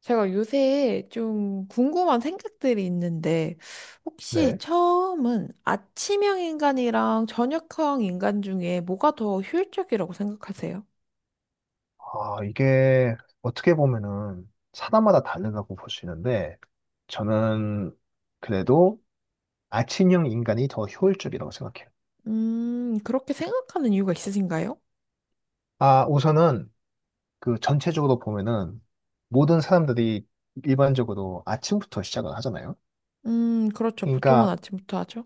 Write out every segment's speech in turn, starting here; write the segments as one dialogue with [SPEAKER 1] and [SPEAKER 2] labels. [SPEAKER 1] 제가 요새 좀 궁금한 생각들이 있는데, 혹시
[SPEAKER 2] 네.
[SPEAKER 1] 처음은 아침형 인간이랑 저녁형 인간 중에 뭐가 더 효율적이라고 생각하세요?
[SPEAKER 2] 이게 어떻게 보면은 사람마다 다르다고 볼 수 있는데, 저는 그래도 아침형 인간이 더 효율적이라고 생각해요.
[SPEAKER 1] 그렇게 생각하는 이유가 있으신가요?
[SPEAKER 2] 아, 우선은 그 전체적으로 보면은 모든 사람들이 일반적으로 아침부터 시작을 하잖아요.
[SPEAKER 1] 그렇죠. 보통은
[SPEAKER 2] 그러니까
[SPEAKER 1] 아침부터 하죠.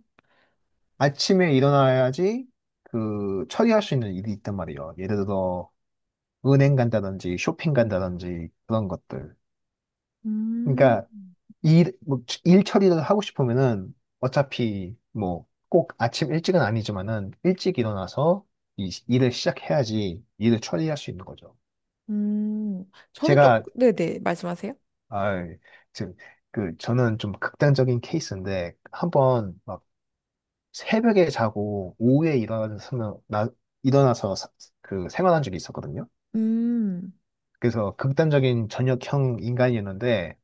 [SPEAKER 2] 아침에 일어나야지 그 처리할 수 있는 일이 있단 말이에요. 예를 들어 은행 간다든지 쇼핑 간다든지 그런 것들.
[SPEAKER 1] 음,
[SPEAKER 2] 그러니까 일, 뭐, 일 처리를 하고 싶으면은 어차피 뭐 꼭 아침 일찍은 아니지만은 일찍 일어나서 이 일을 시작해야지 일을 처리할 수 있는 거죠.
[SPEAKER 1] 저는 쪽,
[SPEAKER 2] 제가,
[SPEAKER 1] 네네, 말씀하세요.
[SPEAKER 2] 아, 저, 그, 저는 좀 극단적인 케이스인데 한번 막 새벽에 자고 오후에 일어나서, 나, 일어나서 사- 그 생활한 적이 있었거든요.
[SPEAKER 1] 음.
[SPEAKER 2] 그래서 극단적인 저녁형 인간이었는데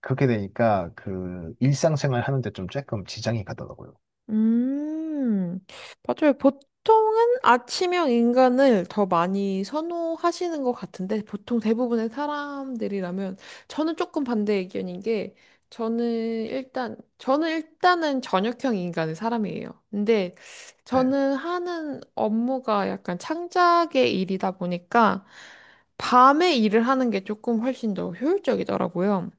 [SPEAKER 2] 그렇게 되니까 그 일상생활 하는데 좀 조금 지장이 가더라고요.
[SPEAKER 1] 음, 맞아요. 보통은 아침형 인간을 더 많이 선호하시는 것 같은데, 보통 대부분의 사람들이라면, 저는 조금 반대 의견인 게, 저는 저는 일단은 저녁형 인간의 사람이에요. 근데
[SPEAKER 2] 네.
[SPEAKER 1] 저는 하는 업무가 약간 창작의 일이다 보니까, 밤에 일을 하는 게 조금 훨씬 더 효율적이더라고요.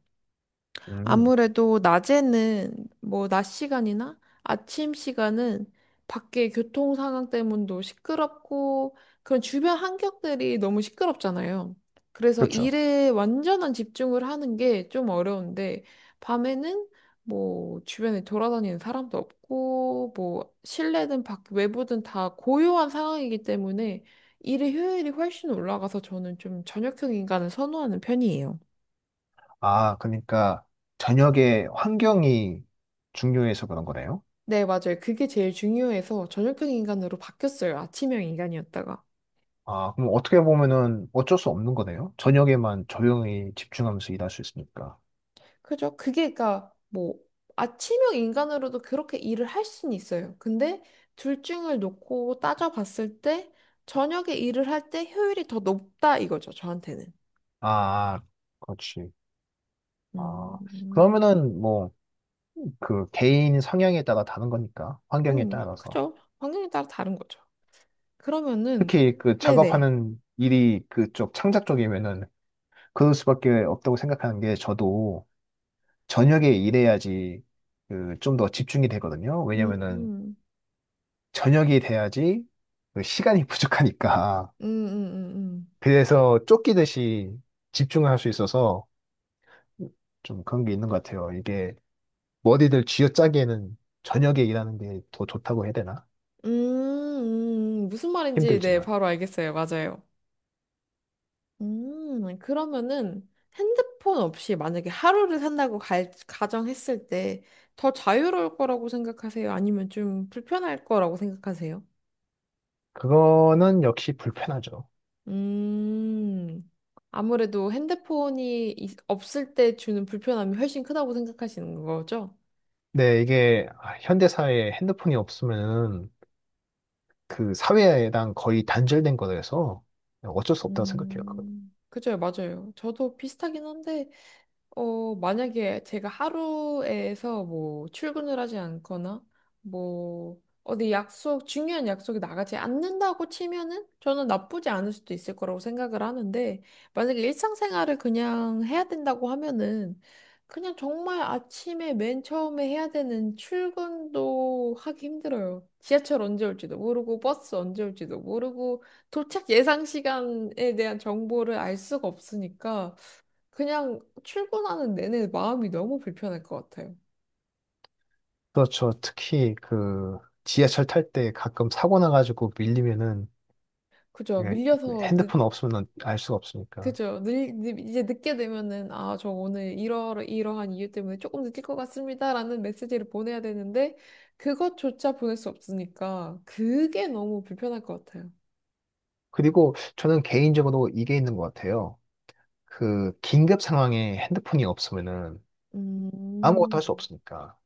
[SPEAKER 2] 음.
[SPEAKER 1] 아무래도 낮에는 뭐 낮 시간이나 아침 시간은 밖에 교통 상황 때문도 시끄럽고 그런 주변 환경들이 너무 시끄럽잖아요. 그래서
[SPEAKER 2] 그렇죠.
[SPEAKER 1] 일에 완전한 집중을 하는 게 좀 어려운데 밤에는 뭐 주변에 돌아다니는 사람도 없고 뭐 실내든 밖 외부든 다 고요한 상황이기 때문에 일의 효율이 훨씬 올라가서 저는 좀 저녁형 인간을 선호하는 편이에요.
[SPEAKER 2] 아, 그러니까 저녁에 환경이 중요해서 그런 거네요.
[SPEAKER 1] 네, 맞아요. 그게 제일 중요해서 저녁형 인간으로 바뀌었어요. 아침형 인간이었다가.
[SPEAKER 2] 아, 그럼 어떻게 보면은 어쩔 수 없는 거네요. 저녁에만 조용히 집중하면서 일할 수 있으니까.
[SPEAKER 1] 그죠? 그게, 그니까, 뭐, 아침형 인간으로도 그렇게 일을 할 수는 있어요. 근데 둘 중을 놓고 따져봤을 때, 저녁에 일을 할 때 효율이 더 높다 이거죠, 저한테는.
[SPEAKER 2] 아, 그렇지. 아,
[SPEAKER 1] 음,
[SPEAKER 2] 그러면은 뭐 그 개인 성향에 따라 다른 거니까 환경에 따라서
[SPEAKER 1] 그죠? 환경에 따라 다른 거죠. 그러면은,
[SPEAKER 2] 특히 그
[SPEAKER 1] 네네.
[SPEAKER 2] 작업하는 일이 그쪽 창작 쪽이면은 그럴 수밖에 없다고 생각하는 게 저도 저녁에 일해야지 그 좀 더 집중이 되거든요.
[SPEAKER 1] 음,
[SPEAKER 2] 왜냐면은
[SPEAKER 1] 음,
[SPEAKER 2] 저녁이 돼야지 그 시간이 부족하니까.
[SPEAKER 1] 음, 음, 음.
[SPEAKER 2] 그래서 쫓기듯이 집중을 할 수 있어서 좀 그런 게 있는 것 같아요. 이게 뭐 어디들 쥐어짜기에는 저녁에 일하는 게 더 좋다고 해야 되나?
[SPEAKER 1] 무슨 말인지, 네,
[SPEAKER 2] 힘들지만.
[SPEAKER 1] 바로 알겠어요. 맞아요. 그러면은 핸드폰 없이 만약에 하루를 산다고 갈, 가정했을 때 더 자유로울 거라고 생각하세요? 아니면 좀 불편할 거라고 생각하세요?
[SPEAKER 2] 그거는 역시 불편하죠.
[SPEAKER 1] 음, 아무래도 핸드폰이 없을 때 주는 불편함이 훨씬 크다고 생각하시는 거죠?
[SPEAKER 2] 네, 이게 현대 사회에 핸드폰이 없으면 그 사회랑 거의 단절된 거라서 어쩔 수 없다고 생각해요. 그거.
[SPEAKER 1] 그죠, 맞아요. 저도 비슷하긴 한데 만약에 제가 하루에서 뭐 출근을 하지 않거나 뭐 어디 약속, 중요한 약속에 나가지 않는다고 치면은 저는 나쁘지 않을 수도 있을 거라고 생각을 하는데 만약에 일상생활을 그냥 해야 된다고 하면은 그냥 정말 아침에 맨 처음에 해야 되는 출근도 하기 힘들어요. 지하철 언제 올지도 모르고 버스 언제 올지도 모르고 도착 예상 시간에 대한 정보를 알 수가 없으니까 그냥 출근하는 내내 마음이 너무 불편할 것 같아요.
[SPEAKER 2] 그렇죠. 특히 그 지하철 탈 때 가끔 사고 나가지고 밀리면은
[SPEAKER 1] 그죠?
[SPEAKER 2] 예,
[SPEAKER 1] 밀려서 늦,
[SPEAKER 2] 핸드폰 없으면 알 수가 없으니까.
[SPEAKER 1] 그죠? 이제 늦게 되면은 아, 저 오늘 이러 이러한 이유 때문에 조금 늦을 것 같습니다라는 메시지를 보내야 되는데 그것조차 보낼 수 없으니까 그게 너무 불편할 것 같아요.
[SPEAKER 2] 그리고 저는 개인적으로 이게 있는 것 같아요. 그 긴급 상황에 핸드폰이 없으면은 아무것도 할 수
[SPEAKER 1] 음,
[SPEAKER 2] 없으니까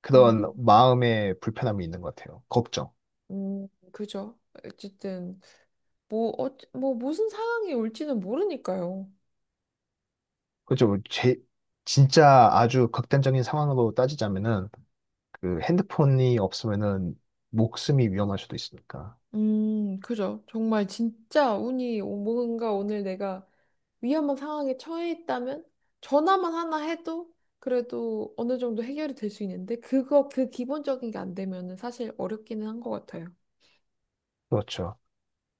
[SPEAKER 2] 그런
[SPEAKER 1] 음,
[SPEAKER 2] 마음의 불편함이 있는 것 같아요. 걱정.
[SPEAKER 1] 그죠? 어쨌든 뭐, 뭐 무슨 상황이 올지는 모르니까요.
[SPEAKER 2] 그죠? 제 진짜 아주 극단적인 상황으로 따지자면은 그 핸드폰이 없으면은 목숨이 위험할 수도 있으니까.
[SPEAKER 1] 그죠? 정말 진짜 뭔가 오늘 내가 위험한 상황에 처해 있다면 전화만 하나 해도 그래도 어느 정도 해결이 될 수 있는데 그거 그 기본적인 게 안 되면은 사실 어렵기는 한 것 같아요.
[SPEAKER 2] 그렇죠.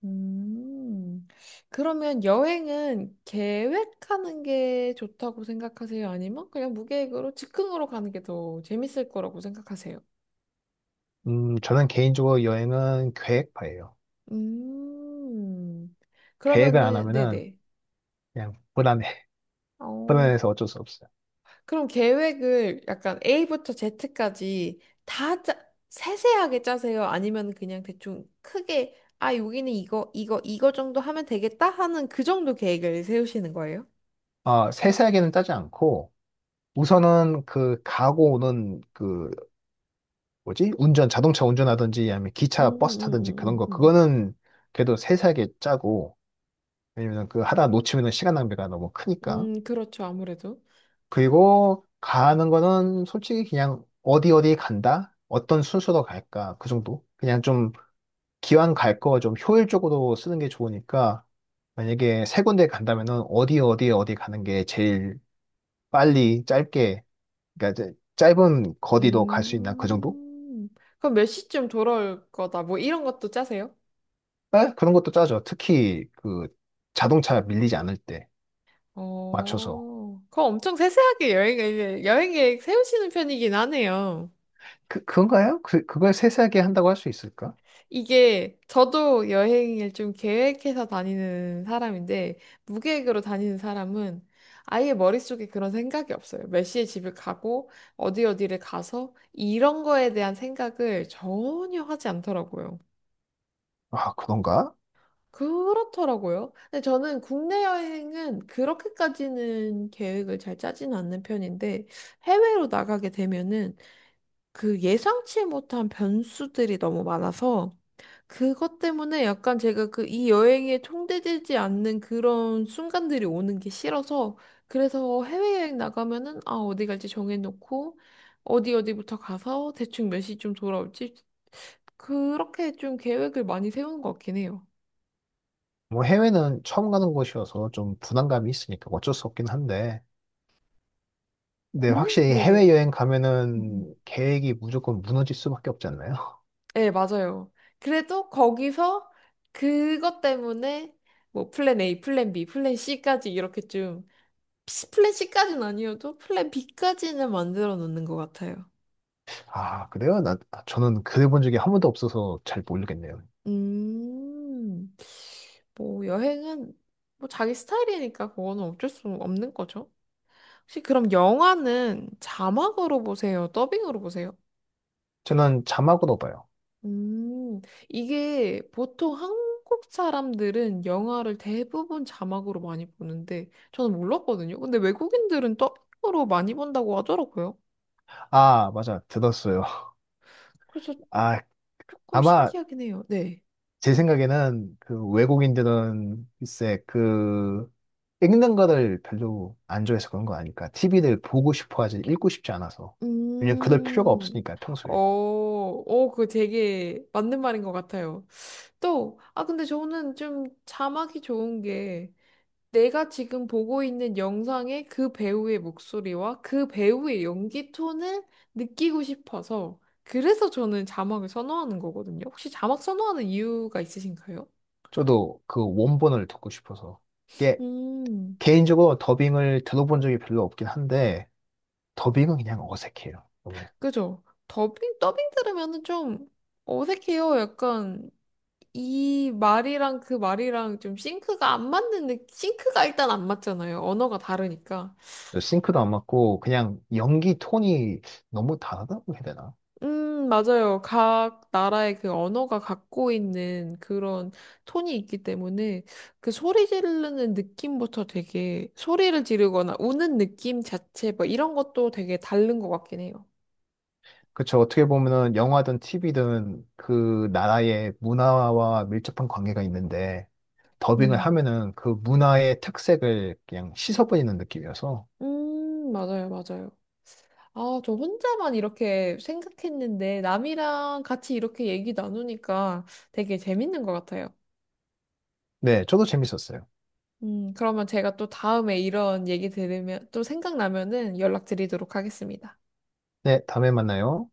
[SPEAKER 1] 음, 그러면 여행은 계획하는 게 좋다고 생각하세요? 아니면 그냥 무계획으로 즉흥으로 가는 게 더 재밌을 거라고 생각하세요?
[SPEAKER 2] 저는 개인적으로 여행은 계획파예요.
[SPEAKER 1] 음,
[SPEAKER 2] 계획을 안
[SPEAKER 1] 그러면은,
[SPEAKER 2] 하면은
[SPEAKER 1] 네네.
[SPEAKER 2] 그냥 불안해.
[SPEAKER 1] 어,
[SPEAKER 2] 불안해서 어쩔 수 없어요.
[SPEAKER 1] 그럼 계획을 약간 A부터 Z까지 다 세세하게 짜세요? 아니면 그냥 대충 크게, 아, 여기는 이거, 이거, 이거 정도 하면 되겠다 하는 그 정도 계획을 세우시는 거예요?
[SPEAKER 2] 아, 세세하게는 따지 않고 우선은 그 가고 오는 그 뭐지? 운전 자동차 운전하든지 아니면
[SPEAKER 1] 음,
[SPEAKER 2] 기차 버스 타든지
[SPEAKER 1] 음,
[SPEAKER 2] 그런
[SPEAKER 1] 음,
[SPEAKER 2] 거
[SPEAKER 1] 음,
[SPEAKER 2] 그거는 그래도 세세하게 짜고 왜냐면 그 하다 놓치면은 시간 낭비가 너무 크니까.
[SPEAKER 1] 그렇죠, 아무래도.
[SPEAKER 2] 그리고 가는 거는 솔직히 그냥 어디 어디 간다? 어떤 순서로 갈까? 그 정도. 그냥 좀 기왕 갈 거 좀 효율적으로 쓰는 게 좋으니까 만약에 세 군데 간다면은 어디 어디 어디 가는 게 제일 빨리 짧게 그러니까 이제 짧은 거리도 갈 수 있나 그 정도?
[SPEAKER 1] 음, 그럼 몇 시쯤 돌아올 거다, 뭐 이런 것도 짜세요?
[SPEAKER 2] 에? 그런 것도 짜죠. 특히 그 자동차 밀리지 않을 때 맞춰서
[SPEAKER 1] 그거 엄청 세세하게 여행, 여행 계획 세우시는 편이긴 하네요.
[SPEAKER 2] 그 그건가요? 그 그걸 세세하게 한다고 할 수 있을까?
[SPEAKER 1] 이게 저도 여행을 좀 계획해서 다니는 사람인데 무계획으로 다니는 사람은 아예 머릿속에 그런 생각이 없어요. 몇 시에 집을 가고 어디 어디를 가서 이런 거에 대한 생각을 전혀 하지 않더라고요.
[SPEAKER 2] 아 그런가?
[SPEAKER 1] 그렇더라고요. 근데 저는 국내 여행은 그렇게까지는 계획을 잘 짜지는 않는 편인데 해외로 나가게 되면은 그 예상치 못한 변수들이 너무 많아서 그것 때문에 약간 제가 그 이 여행에 총대되지 않는 그런 순간들이 오는 게 싫어서 그래서 해외여행 나가면은 아 어디 갈지 정해놓고 어디 어디부터 가서 대충 몇 시쯤 돌아올지 그렇게 좀 계획을 많이 세우는 것 같긴 해요.
[SPEAKER 2] 뭐 해외는 처음 가는 곳이어서 좀 부담감이 있으니까 어쩔 수 없긴 한데 근데
[SPEAKER 1] 국내?
[SPEAKER 2] 확실히
[SPEAKER 1] 네네.
[SPEAKER 2] 해외여행
[SPEAKER 1] 음, 음.
[SPEAKER 2] 가면은 계획이 무조건 무너질 수밖에 없지 않나요?
[SPEAKER 1] 네, 맞아요. 그래도 거기서 그것 때문에 뭐 플랜 A, 플랜 B, 플랜 C까지 이렇게 좀 플랜 C까지는 아니어도 플랜 B까지는 만들어 놓는 것 같아요.
[SPEAKER 2] 아 그래요? 나 아, 저는 그래본 적이 한 번도 없어서 잘 모르겠네요.
[SPEAKER 1] 음, 뭐 여행은 뭐 자기 스타일이니까 그거는 어쩔 수 없는 거죠. 혹시 그럼 영화는 자막으로 보세요? 더빙으로 보세요?
[SPEAKER 2] 저는 자막으로 봐요.
[SPEAKER 1] 음, 이게 보통 한국 사람들은 영화를 대부분 자막으로 많이 보는데 저는 몰랐거든요. 근데 외국인들은 더빙으로 많이 본다고 하더라고요.
[SPEAKER 2] 아 맞아 들었어요.
[SPEAKER 1] 그래서
[SPEAKER 2] 아
[SPEAKER 1] 조금
[SPEAKER 2] 아마
[SPEAKER 1] 신기하긴 해요. 네.
[SPEAKER 2] 제 생각에는 그 외국인들은 글쎄 그 읽는 거를 별로 안 좋아해서 그런 거 아닐까. TV를 보고 싶어 하지 읽고 싶지 않아서. 왜냐면 그럴 필요가
[SPEAKER 1] 음,
[SPEAKER 2] 없으니까 평소에.
[SPEAKER 1] 그 되게 맞는 말인 것 같아요. 또, 근데 저는 좀 자막이 좋은 게 내가 지금 보고 있는 영상의 그 배우의 목소리와 그 배우의 연기 톤을 느끼고 싶어서 그래서 저는 자막을 선호하는 거거든요. 혹시 자막 선호하는 이유가 있으신가요?
[SPEAKER 2] 저도 그 원본을 듣고 싶어서. 이게
[SPEAKER 1] 음,
[SPEAKER 2] 개인적으로 더빙을 들어본 적이 별로 없긴 한데 더빙은 그냥 어색해요. 너무.
[SPEAKER 1] 그죠. 더빙, 더빙 들으면은 좀 어색해요. 약간 이 말이랑 그 말이랑 좀 싱크가 안 맞는 느낌, 싱크가 일단 안 맞잖아요. 언어가 다르니까.
[SPEAKER 2] 저 싱크도 안 맞고 그냥 연기 톤이 너무 다르다고 해야 되나?
[SPEAKER 1] 맞아요. 각 나라의 그 언어가 갖고 있는 그런 톤이 있기 때문에 그 소리 지르는 느낌부터 되게 소리를 지르거나 우는 느낌 자체 뭐 이런 것도 되게 다른 것 같긴 해요.
[SPEAKER 2] 그쵸. 어떻게 보면은 영화든 TV든 그 나라의 문화와 밀접한 관계가 있는데 더빙을
[SPEAKER 1] 음,
[SPEAKER 2] 하면은 그 문화의 특색을 그냥 씻어버리는 느낌이어서
[SPEAKER 1] 맞아요, 맞아요. 아, 저 혼자만 이렇게 생각했는데 남이랑 같이 이렇게 얘기 나누니까 되게 재밌는 것 같아요.
[SPEAKER 2] 네, 저도 재밌었어요.
[SPEAKER 1] 그러면 제가 또 다음에 이런 얘기 들으면 또 생각나면은 연락드리도록 하겠습니다.
[SPEAKER 2] 네, 다음에 만나요.